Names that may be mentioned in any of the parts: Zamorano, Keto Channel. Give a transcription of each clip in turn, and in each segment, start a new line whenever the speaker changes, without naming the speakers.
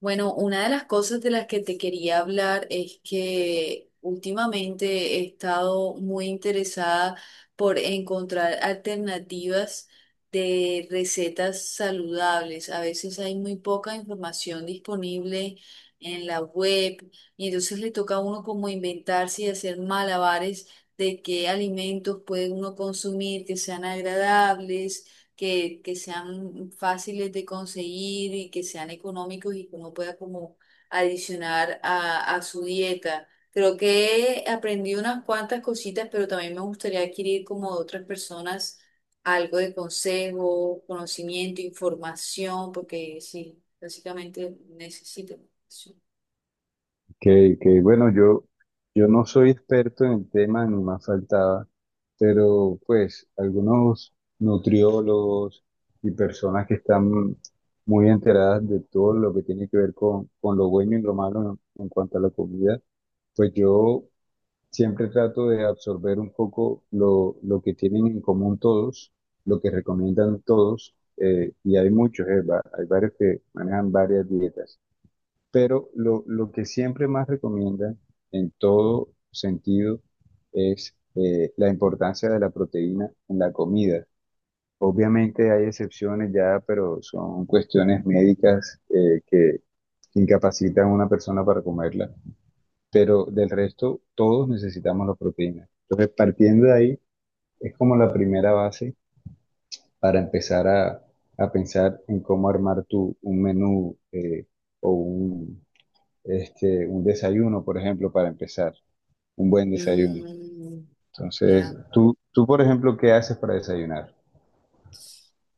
Bueno, una de las cosas de las que te quería hablar es que últimamente he estado muy interesada por encontrar alternativas de recetas saludables. A veces hay muy poca información disponible en la web, y entonces le toca a uno como inventarse y hacer malabares de qué alimentos puede uno consumir que sean agradables, que sean fáciles de conseguir y que sean económicos y que uno pueda como adicionar a su dieta. Creo que aprendí unas cuantas cositas, pero también me gustaría adquirir como de otras personas algo de consejo, conocimiento, información, porque sí, básicamente necesito información.
Que, que, bueno, yo, yo no soy experto en el tema, ni más faltaba, pero pues algunos nutriólogos y personas que están muy enteradas de todo lo que tiene que ver con lo bueno y lo malo en cuanto a la comida, pues yo siempre trato de absorber un poco lo que tienen en común todos, lo que recomiendan todos, y hay muchos, hay varios que manejan varias dietas. Pero lo que siempre más recomiendan en todo sentido es la importancia de la proteína en la comida. Obviamente hay excepciones ya, pero son cuestiones médicas que incapacitan a una persona para comerla. Pero del resto, todos necesitamos la proteína. Entonces, partiendo de ahí, es como la primera base para empezar a pensar en cómo armar un menú o un, un desayuno, por ejemplo, para empezar, un buen desayuno.
Mm, ya.
Entonces, tú, por ejemplo, ¿qué haces para desayunar?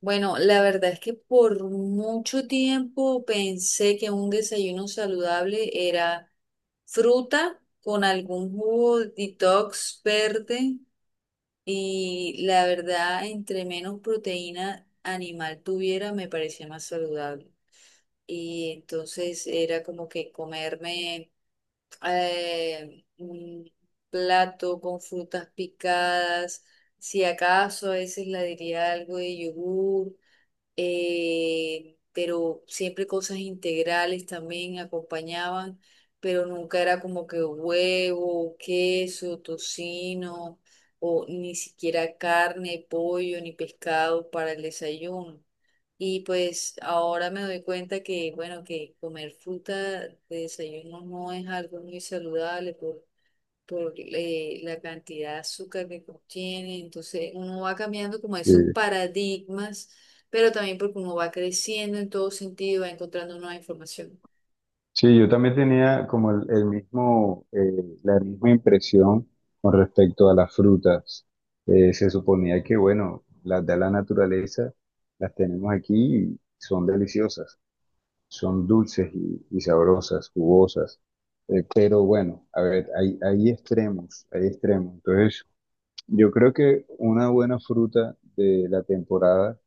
Bueno, la verdad es que por mucho tiempo pensé que un desayuno saludable era fruta con algún jugo detox verde, y la verdad, entre menos proteína animal tuviera, me parecía más saludable. Y entonces era como que comerme un plato con frutas picadas, si acaso a veces la diría algo de yogur, pero siempre cosas integrales también acompañaban, pero nunca era como que huevo, queso, tocino, o ni siquiera carne, pollo, ni pescado para el desayuno. Y pues ahora me doy cuenta que, bueno, que comer fruta de desayuno no es algo muy saludable por la cantidad de azúcar que contiene. Entonces uno va cambiando como
Sí.
esos paradigmas, pero también porque uno va creciendo en todo sentido, va encontrando nueva información.
Sí, yo también tenía como el mismo, la misma impresión con respecto a las frutas. Se suponía que, bueno, las da la naturaleza, las tenemos aquí y son deliciosas, son dulces y sabrosas, jugosas. Pero bueno, a ver, hay extremos, hay extremos. Entonces, yo creo que una buena fruta de la temporada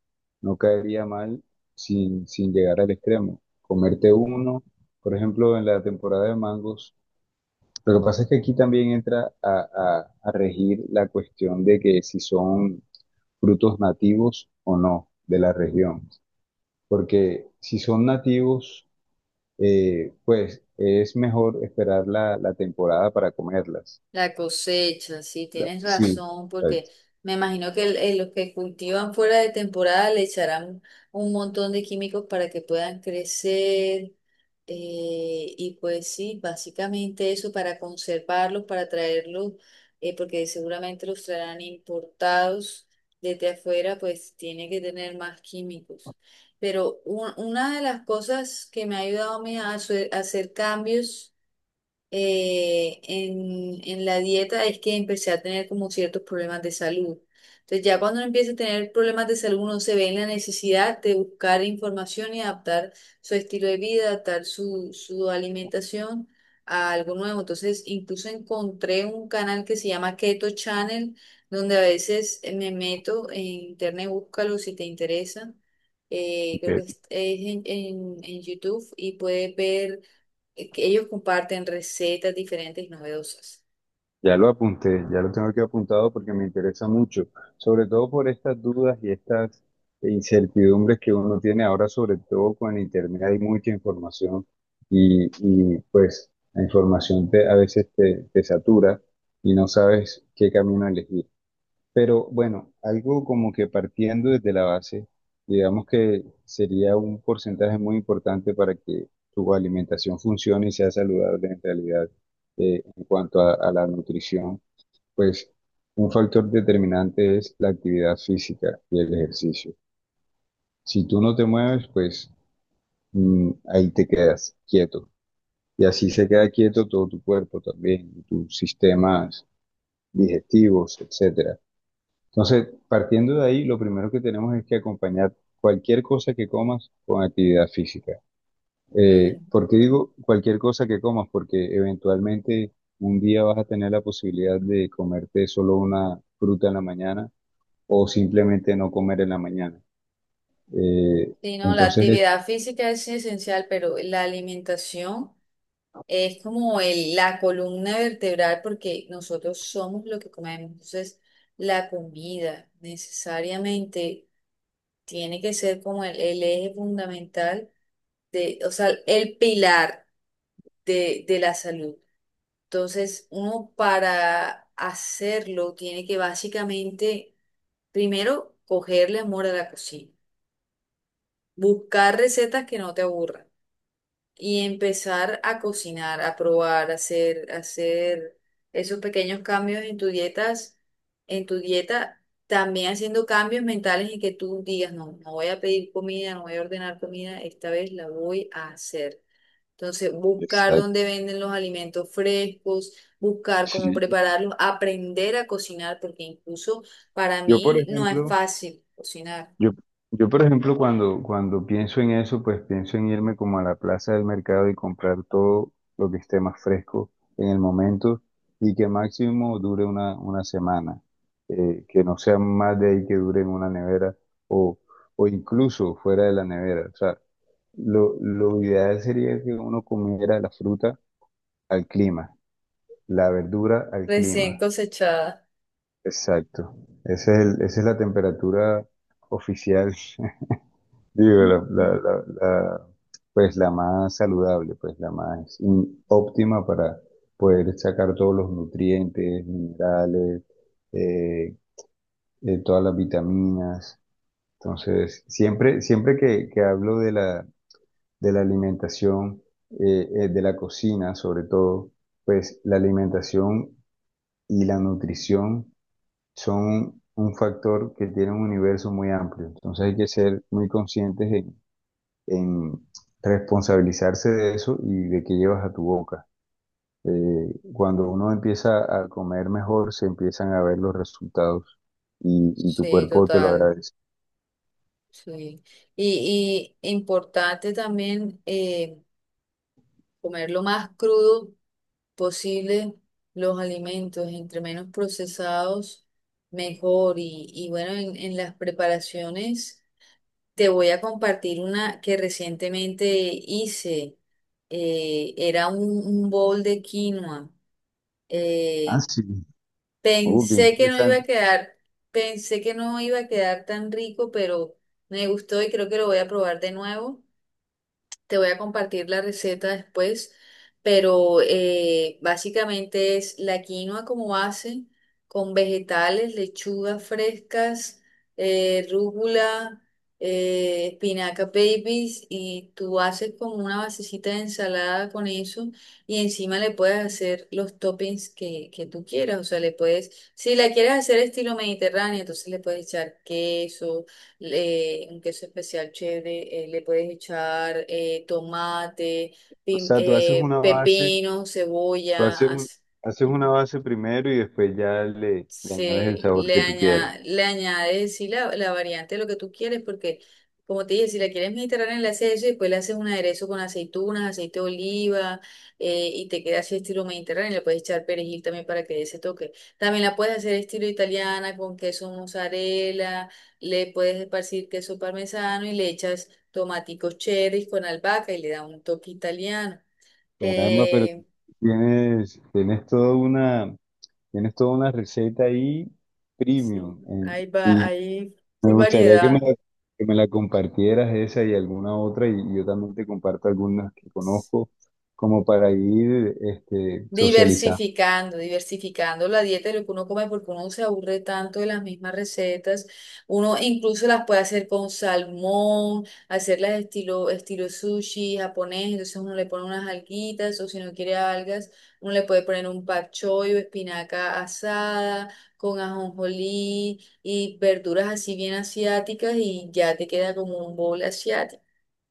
no caería mal sin llegar al extremo. Comerte uno, por ejemplo, en la temporada de mangos. Lo que pasa es que aquí también entra a regir la cuestión de que si son frutos nativos o no de la región. Porque si son nativos, pues es mejor esperar la temporada para comerlas.
La cosecha, sí, tienes
Sí,
razón,
ok.
porque me imagino que los que cultivan fuera de temporada le echarán un montón de químicos para que puedan crecer. Y pues sí, básicamente eso para conservarlos, para traerlos, porque seguramente los traerán importados desde afuera, pues tiene que tener más químicos. Pero una de las cosas que me ha ayudado a mí a hacer cambios en la dieta es que empecé a tener como ciertos problemas de salud. Entonces ya cuando uno empieza a tener problemas de salud, uno se ve en la necesidad de buscar información y adaptar su estilo de vida, adaptar su alimentación a algo nuevo. Entonces incluso encontré un canal que se llama Keto Channel, donde a veces me meto en internet, búscalo si te interesa. Creo que es en en YouTube, y puedes ver que ellos comparten recetas diferentes y novedosas.
Ya lo apunté, ya lo tengo aquí apuntado porque me interesa mucho, sobre todo por estas dudas y estas incertidumbres que uno tiene ahora, sobre todo con Internet hay mucha información pues la información a veces te satura y no sabes qué camino elegir. Pero bueno, algo como que partiendo desde la base, digamos que sería un porcentaje muy importante para que tu alimentación funcione y sea saludable en realidad, en cuanto a la nutrición, pues un factor determinante es la actividad física y el ejercicio. Si tú no te mueves, pues ahí te quedas quieto. Y así se queda quieto todo tu cuerpo también, tus sistemas digestivos, etc. Entonces, partiendo de ahí, lo primero que tenemos es que acompañar cualquier cosa que comas con actividad física.
Sí.
¿Por qué digo cualquier cosa que comas? Porque eventualmente un día vas a tener la posibilidad de comerte solo una fruta en la mañana o simplemente no comer en la mañana. Eh,
Sí, no, la
entonces,
actividad física es esencial, pero la alimentación es como la columna vertebral, porque nosotros somos lo que comemos. Entonces, la comida necesariamente tiene que ser como el eje fundamental de, o sea, el pilar de la salud. Entonces, uno para hacerlo tiene que básicamente primero cogerle amor a la cocina, buscar recetas que no te aburran y empezar a cocinar, a probar, a hacer esos pequeños cambios en en tu dieta, también haciendo cambios mentales en que tú digas, no, no voy a pedir comida, no voy a ordenar comida, esta vez la voy a hacer. Entonces, buscar
exacto.
dónde venden los alimentos frescos, buscar cómo
Sí,
prepararlos, aprender a cocinar, porque incluso para
yo, por
mí no es
ejemplo,
fácil cocinar.
Yo, yo, por ejemplo, cuando pienso en eso, pues pienso en irme como a la plaza del mercado y comprar todo lo que esté más fresco en el momento y que máximo dure una semana, que no sea más de ahí que dure en una nevera o, o incluso fuera de la nevera. O sea, lo ideal sería que uno comiera la fruta al clima, la verdura al
Recién
clima.
cosechada.
Exacto. Esa es la temperatura oficial. Digo, la,
Ujú.
la- la- la- Pues la más saludable, pues la más óptima para poder sacar todos los nutrientes, minerales, eh, todas las vitaminas. Entonces, siempre, siempre que hablo de la alimentación, de la cocina sobre todo, pues la alimentación y la nutrición son un factor que tiene un universo muy amplio. Entonces hay que ser muy conscientes en responsabilizarse de eso y de qué llevas a tu boca. Cuando uno empieza a comer mejor, se empiezan a ver los resultados y tu
Sí,
cuerpo te lo
total.
agradece.
Sí. Y importante también, comer lo más crudo posible los alimentos. Entre menos procesados, mejor. Y bueno, en las preparaciones te voy a compartir una que recientemente hice. Era un bowl de quinoa.
Ah,
Eh,
sí, qué
Pensé que no iba a
interesante.
quedar, pensé que no iba a quedar tan rico, pero me gustó y creo que lo voy a probar de nuevo. Te voy a compartir la receta después, pero básicamente es la quinoa como base, con vegetales, lechugas frescas, rúcula, espinaca babies, y tú haces como una basecita de ensalada con eso, y encima le puedes hacer los toppings que tú quieras, o sea, le puedes, si la quieres hacer estilo mediterráneo, entonces le puedes echar queso, un queso especial chévere, le puedes echar tomate,
O sea, tú haces una base,
pepino,
tú
cebolla,
haces un-
así.
haces una base primero y después ya le añades el
Sí,
sabor que tú quieras.
le añades, sí, la variante de lo que tú quieres, porque como te dije, si la quieres mediterránea, le haces eso y después le haces un aderezo con aceitunas, aceite de oliva, y te queda así estilo mediterráneo, le puedes echar perejil también para que dé ese toque. También la puedes hacer estilo italiana con queso mozzarella, le puedes esparcir queso parmesano y le echas tomaticos cherry con albahaca, y le da un toque italiano.
Caramba, pero tú
Eh,
tienes, tienes toda una, tienes toda una receta ahí
sí,
premium.
hay, va,
eh,
hay
Me
full
gustaría
variedad.
que me la compartieras, esa y alguna otra, y yo también te comparto algunas que conozco como para ir, este, socializando.
Diversificando, diversificando la dieta de lo que uno come, porque uno se aburre tanto de las mismas recetas. Uno incluso las puede hacer con salmón, hacerlas estilo, estilo sushi japonés. Entonces uno le pone unas alguitas, o si no quiere algas, uno le puede poner un pak choi, o espinaca asada con ajonjolí y verduras así bien asiáticas, y ya te queda como un bowl asiático.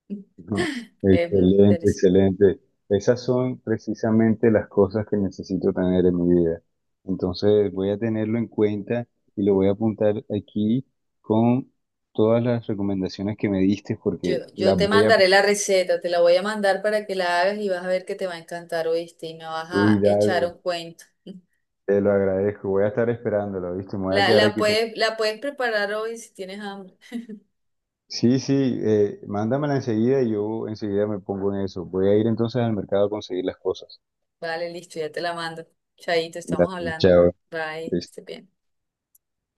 ¿No?
Es muy
Excelente,
interesante.
excelente. Esas son precisamente las cosas que necesito tener en mi vida. Entonces voy a tenerlo en cuenta y lo voy a apuntar aquí con todas las recomendaciones que me diste porque
Yo
las
te
voy a
mandaré la
aplicar.
receta, te la voy a mandar para que la hagas y vas a ver que te va a encantar, ¿oíste? Y me vas
Uy,
a echar
dale,
un cuento.
te lo agradezco. Voy a estar esperándolo, ¿viste? Me voy a
La,
quedar aquí.
la puedes preparar hoy si tienes hambre.
Sí, sí, mándamela enseguida y yo enseguida me pongo en eso. Voy a ir entonces al mercado a conseguir las cosas.
Vale, listo, ya te la mando. Chaito, estamos
Gracias,
hablando.
chao.
Bye, que estés bien.